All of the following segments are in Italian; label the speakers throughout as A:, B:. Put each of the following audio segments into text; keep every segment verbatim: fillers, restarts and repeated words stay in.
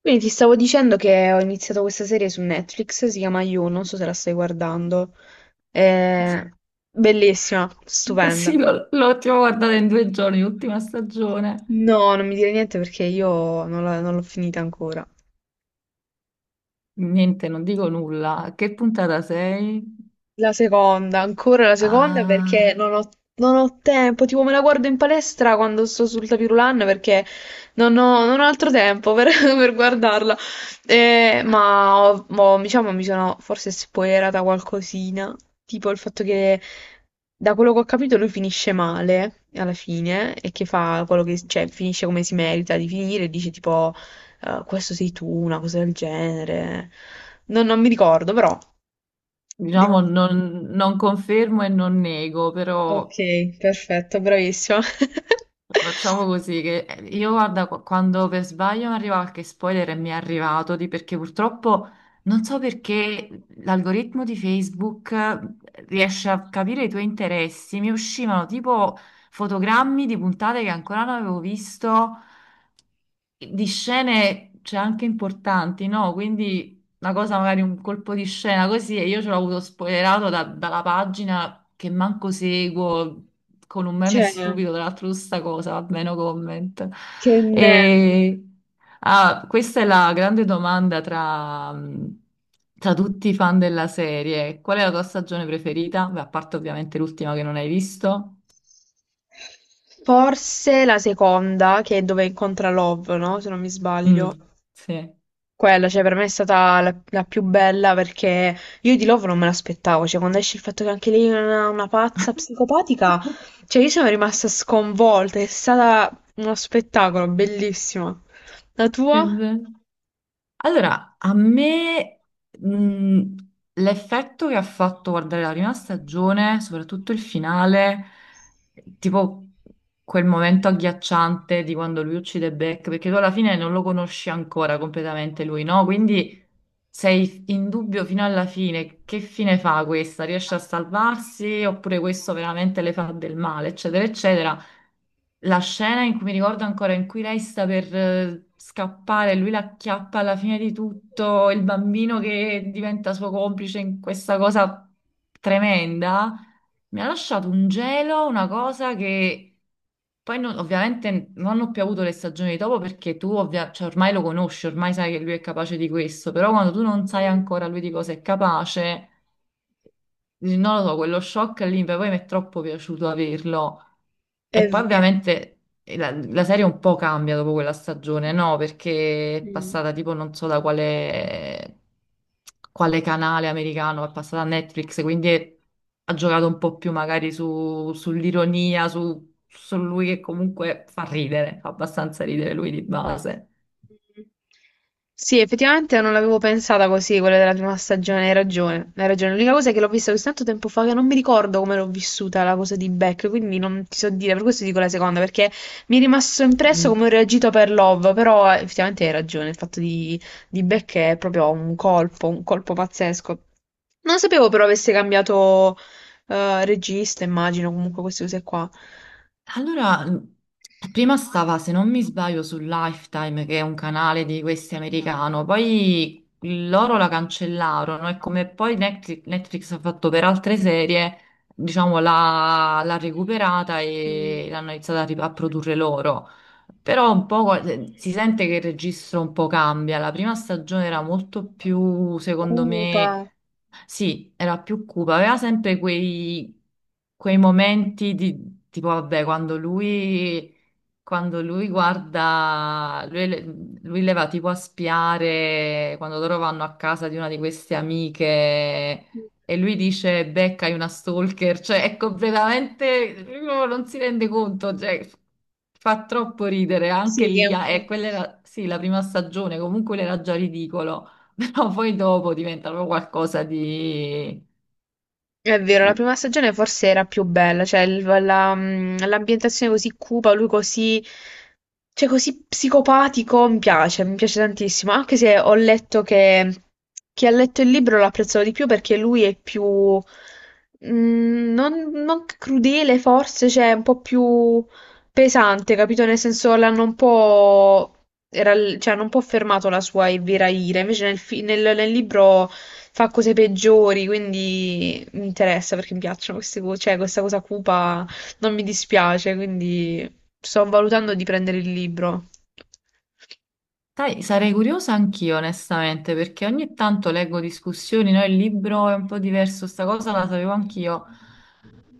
A: Quindi ti stavo dicendo che ho iniziato questa serie su Netflix, si chiama You, non so se la stai guardando. È bellissima,
B: Sì,
A: stupenda.
B: l'ho l'ho tipo guardata in due giorni, l'ultima stagione.
A: No, non mi dire niente perché io non la- non l'ho finita ancora.
B: Niente, non dico nulla. A che puntata sei?
A: La seconda, ancora la seconda perché
B: Ah,
A: non ho, non ho tempo, tipo me la guardo in palestra quando sto sul tapirulan perché non ho, non ho altro tempo per, per guardarla. Eh, ma ho- mo, diciamo mi sono forse spoilerata qualcosina, tipo il fatto che da quello che ho capito lui finisce male alla fine e che fa quello che, cioè finisce come si merita di finire e dice tipo eh, questo sei tu, una cosa del genere. Non, non mi ricordo però.
B: diciamo,
A: Devo...
B: non, non confermo e non nego,
A: Ok,
B: però
A: perfetto, bravissima.
B: facciamo così che eh, io guarda, qu- quando per sbaglio mi arriva qualche spoiler e mi è arrivato, di, perché purtroppo non so perché l'algoritmo di Facebook eh, riesce a capire i tuoi interessi. Mi uscivano tipo fotogrammi di puntate che ancora non avevo visto. Di scene c'è anche importanti, no? Quindi una cosa, magari un colpo di scena così, e io ce l'ho avuto spoilerato da- dalla pagina che manco seguo, con un meme
A: Cioè,
B: stupido, tra l'altro, su sta cosa, vabbè, no comment.
A: che nervi.
B: E... ah, Questa è la grande domanda tra, tra tutti i fan della serie. Qual è la tua stagione preferita? Beh, a parte ovviamente l'ultima che non hai visto.
A: Forse la seconda, che è dove incontra Love, no? Se non mi
B: Mm,
A: sbaglio.
B: sì.
A: Quella, cioè, per me è stata la, la più bella perché io di Love non me l'aspettavo. Cioè, quando esce il fatto che anche lei è una, una pazza psicopatica, cioè, io sono rimasta sconvolta. È stata uno spettacolo, bellissimo. La
B: È
A: tua?
B: vero. Allora, a me mh, l'effetto che ha fatto guardare la prima stagione, soprattutto il finale, tipo quel momento agghiacciante di quando lui uccide Beck, perché tu alla fine non lo conosci ancora completamente lui, no? Quindi sei in dubbio fino alla fine, che fine fa questa? Riesce a salvarsi oppure questo veramente le fa del male, eccetera, eccetera. La scena in cui mi ricordo ancora in cui lei sta per eh, scappare, lui la acchiappa alla fine di tutto, il bambino che diventa suo complice in questa cosa tremenda, mi ha lasciato un gelo, una cosa che poi non- ovviamente non ho più avuto le stagioni dopo perché tu ovvia- cioè, ormai lo conosci, ormai sai che lui è capace di questo, però quando tu non sai
A: Mm.
B: ancora lui di cosa è capace. Dici, non lo so, quello shock lì per poi mi è troppo piaciuto averlo. E
A: È
B: poi
A: vero.
B: ovviamente eh, la, la serie un po' cambia dopo quella stagione, no? Perché è
A: Mm.
B: passata tipo non so da quale, quale canale americano, è passata a Netflix, quindi è- ha giocato un po' più magari su- sull'ironia, su, su lui che comunque fa ridere, fa abbastanza ridere lui di base.
A: Mm. Sì, effettivamente non l'avevo pensata così, quella della prima stagione, hai ragione, hai ragione. L'unica cosa è che l'ho vista così tanto tempo fa che non mi ricordo come l'ho vissuta la cosa di Beck, quindi non ti so dire, per questo dico la seconda, perché mi è rimasto impresso come ho reagito per Love, però eh, effettivamente hai ragione, il fatto di, di Beck è proprio un colpo, un colpo pazzesco. Non sapevo però avesse cambiato eh, regista, immagino, comunque queste cose qua.
B: Allora, mh, prima stava, se non mi sbaglio, su Lifetime, che è un canale di questi americano, poi loro la cancellarono e come poi Netflix, Netflix ha fatto per altre serie, diciamo, l'ha l'ha recuperata e
A: Mh.
B: l'hanno iniziata a, rip- a produrre loro. Però un po' eh, si sente che il registro un po' cambia. La prima stagione era molto più, secondo
A: Cupa.
B: me sì, era più cupa, aveva sempre quei, quei momenti di tipo, vabbè, quando lui, quando lui guarda, lui, le- lui le va tipo a spiare quando loro vanno a casa di una di queste amiche
A: Mh.
B: e lui dice, Becca, hai una stalker, cioè è completamente, lui proprio non si rende conto, cioè f- fa troppo ridere, anche
A: Sì, che è
B: lì,
A: un...
B: ah, e quella era, sì, la prima stagione, comunque era già ridicolo però poi dopo diventano qualcosa di.
A: È vero, la prima stagione forse era più bella, cioè il- la- mh, l'ambientazione così cupa, lui così, cioè così psicopatico, mi piace, mi piace tantissimo, anche se ho letto che chi ha letto il libro lo apprezzava di più perché lui è più, mh, non, non crudele forse, cioè un po' più pesante, capito? Nel senso l'hanno un po' era l- cioè, era un po' fermato la sua Elvira Ira, invece nel, fi- nel- nel libro fa cose peggiori, quindi mi interessa perché mi piacciono queste cose, cioè questa cosa cupa non mi dispiace, quindi sto valutando di prendere il libro.
B: Sai, sarei curiosa anch'io, onestamente, perché ogni tanto leggo discussioni, no? Il libro è un po' diverso, sta cosa la sapevo anch'io.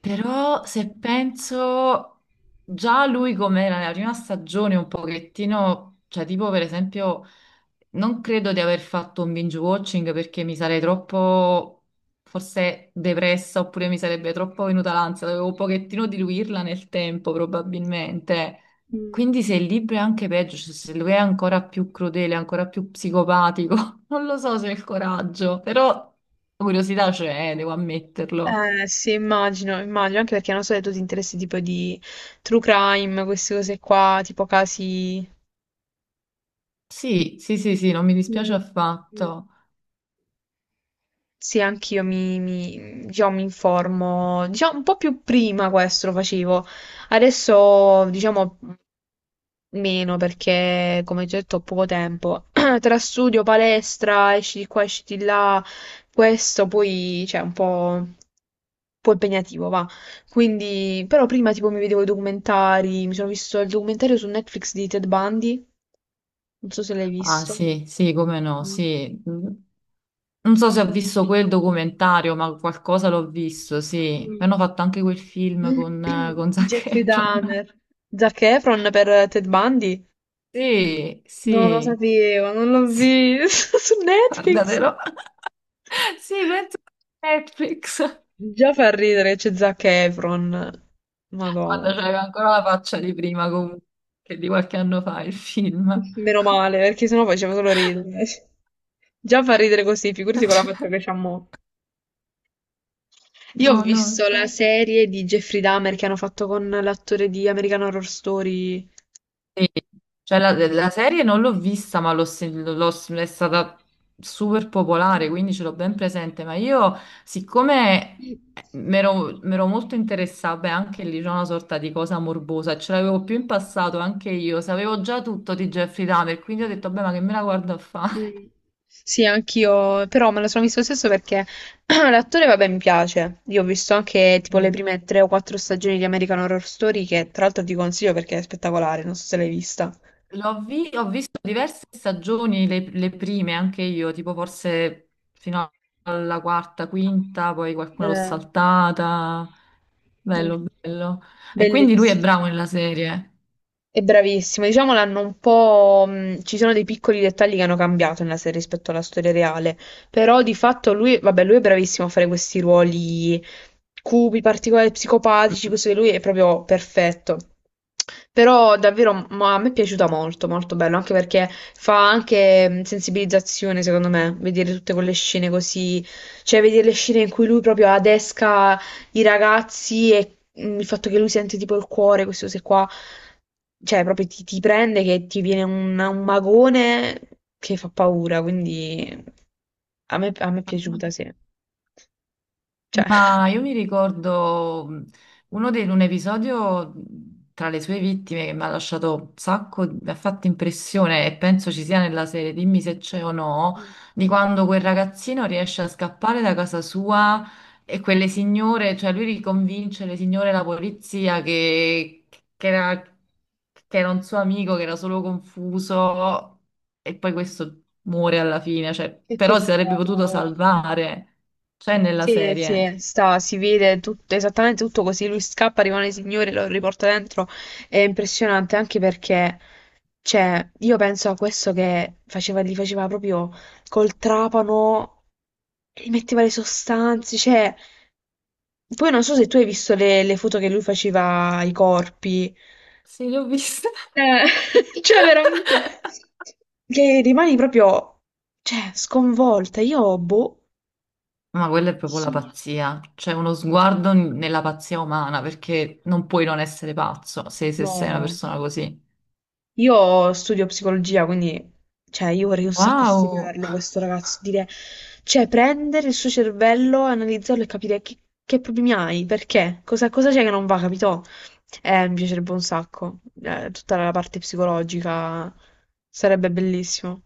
B: Però se penso già lui com'era nella prima stagione un pochettino, cioè tipo per esempio non credo di aver fatto un binge watching perché mi sarei troppo forse depressa oppure mi sarebbe troppo venuta l'ansia, dovevo un pochettino diluirla nel tempo probabilmente.
A: Mm.
B: Quindi se il libro è anche peggio, cioè se lui è ancora più crudele, ancora più psicopatico, non lo so se ho il coraggio, però curiosità c'è, eh, devo ammetterlo.
A: Eh sì, immagino, immagino, anche perché non so se tu ti interessi tipo di true crime, queste cose qua, tipo casi...
B: Sì, sì, sì, sì, non mi dispiace
A: Mm. Mm.
B: affatto.
A: Sì, anch'io mi, mi, diciamo, mi informo, diciamo, un po' più prima questo lo facevo, adesso diciamo meno perché come già detto ho poco tempo, tra studio, palestra, esci di qua, esci di là, questo poi c'è un po', un po' impegnativo, va. Quindi, però prima tipo mi vedevo i documentari, mi sono visto il documentario su Netflix di Ted Bundy, non so se l'hai
B: Ah,
A: visto.
B: sì, sì, come no,
A: Mm.
B: sì. Mm. Non so se ho visto quel documentario, ma qualcosa l'ho visto, sì.
A: Mm.
B: Hanno fatto anche quel film con, eh, con Zac
A: Jeffrey
B: Efron.
A: Dahmer. Zac Efron per Ted Bundy?
B: Sì,
A: Non lo
B: sì,
A: sapevo, non l'ho
B: sì,
A: visto su Netflix.
B: guardatelo. Sì, penso a Netflix,
A: Già fa ridere che c'è Zac Efron.
B: quando
A: Madonna.
B: c'aveva ancora la faccia di prima, comunque, che di qualche anno fa il film.
A: Meno male, perché sennò faceva solo ridere. Già fa ridere così, figurati con la fatta che c'ha mo'. Io ho
B: No, no,
A: visto la
B: infatti.
A: serie di Jeffrey Dahmer che hanno fatto con l'attore di American Horror Story.
B: Sì, cioè la, la serie non l'ho vista, ma l'ho sen- l'ho- è stata super popolare, quindi ce l'ho ben presente. Ma io, siccome mi ero molto interessata, beh, anche lì c'è una sorta di cosa morbosa, ce l'avevo più in passato anche io, sapevo già tutto di Jeffrey Dahmer, quindi ho detto, beh, ma che me la guardo a fare?
A: Mm. Sì, anch'io, però me lo sono visto lo stesso perché l'attore, vabbè, mi piace. Io ho visto anche tipo le
B: Sì.
A: prime tre o quattro stagioni di American Horror Story, che tra l'altro ti consiglio perché è spettacolare, non so se l'hai vista.
B: L'ho vi- ho visto diverse stagioni, le, le prime anche io, tipo forse fino alla quarta, quinta, poi qualcuna l'ho
A: Eh,
B: saltata.
A: mm.
B: Bello, bello. E quindi lui è
A: Bellissimo.
B: bravo nella serie.
A: È bravissimo, diciamo l'hanno un po'... mh, ci sono dei piccoli dettagli che hanno cambiato nella serie rispetto alla storia reale, però di fatto lui, vabbè, lui è bravissimo a fare questi ruoli cupi, particolari, psicopatici, così lui è proprio perfetto. Però davvero ma a me è piaciuta molto, molto bello, anche perché fa anche mh, sensibilizzazione, secondo me, vedere tutte quelle scene così, cioè vedere le scene in cui lui proprio adesca i ragazzi e mm, il fatto che lui sente tipo il cuore, queste cose qua, cioè proprio ti, ti prende che ti viene un, un magone che fa paura, quindi a me, a me è
B: Mm.
A: piaciuta, sì. Cioè,
B: Ma io mi ricordo mh, uno dei, un episodio mh, tra le sue vittime che mi ha lasciato un sacco, mi ha fatto impressione e penso ci sia nella serie, dimmi se c'è o no, di quando quel ragazzino riesce a scappare da casa sua e quelle signore, cioè lui riconvince le signore e la polizia che, che era, che era un suo amico, che era solo confuso e poi questo muore alla fine, cioè,
A: che
B: però si sarebbe
A: peccato,
B: potuto
A: Madonna.
B: salvare, c'è nella
A: Sì,
B: serie.
A: sì, sta, si vede tutto, esattamente tutto così. Lui scappa, rimane signore, lo riporta dentro. È impressionante anche perché, cioè, io penso a questo che faceva, li faceva proprio col trapano, gli metteva le sostanze, cioè. Poi non so se tu hai visto le, le foto che lui faceva ai corpi.
B: Sì, li ho viste.
A: Eh, cioè, veramente. Che rimani proprio, cioè, sconvolta. Io, boh,
B: Ma quella è proprio la pazzia, c'è uno sguardo n- nella pazzia umana, perché non puoi non essere pazzo se, se sei una
A: no.
B: persona così.
A: Io studio psicologia, quindi, cioè, io vorrei un sacco
B: Wow!
A: studiarlo, questo ragazzo, dire, cioè, prendere il suo cervello, analizzarlo e capire che, che problemi hai, perché, cosa cosa c'è che non va, capito? Eh, mi piacerebbe un sacco, eh, tutta la parte psicologica, sarebbe bellissimo.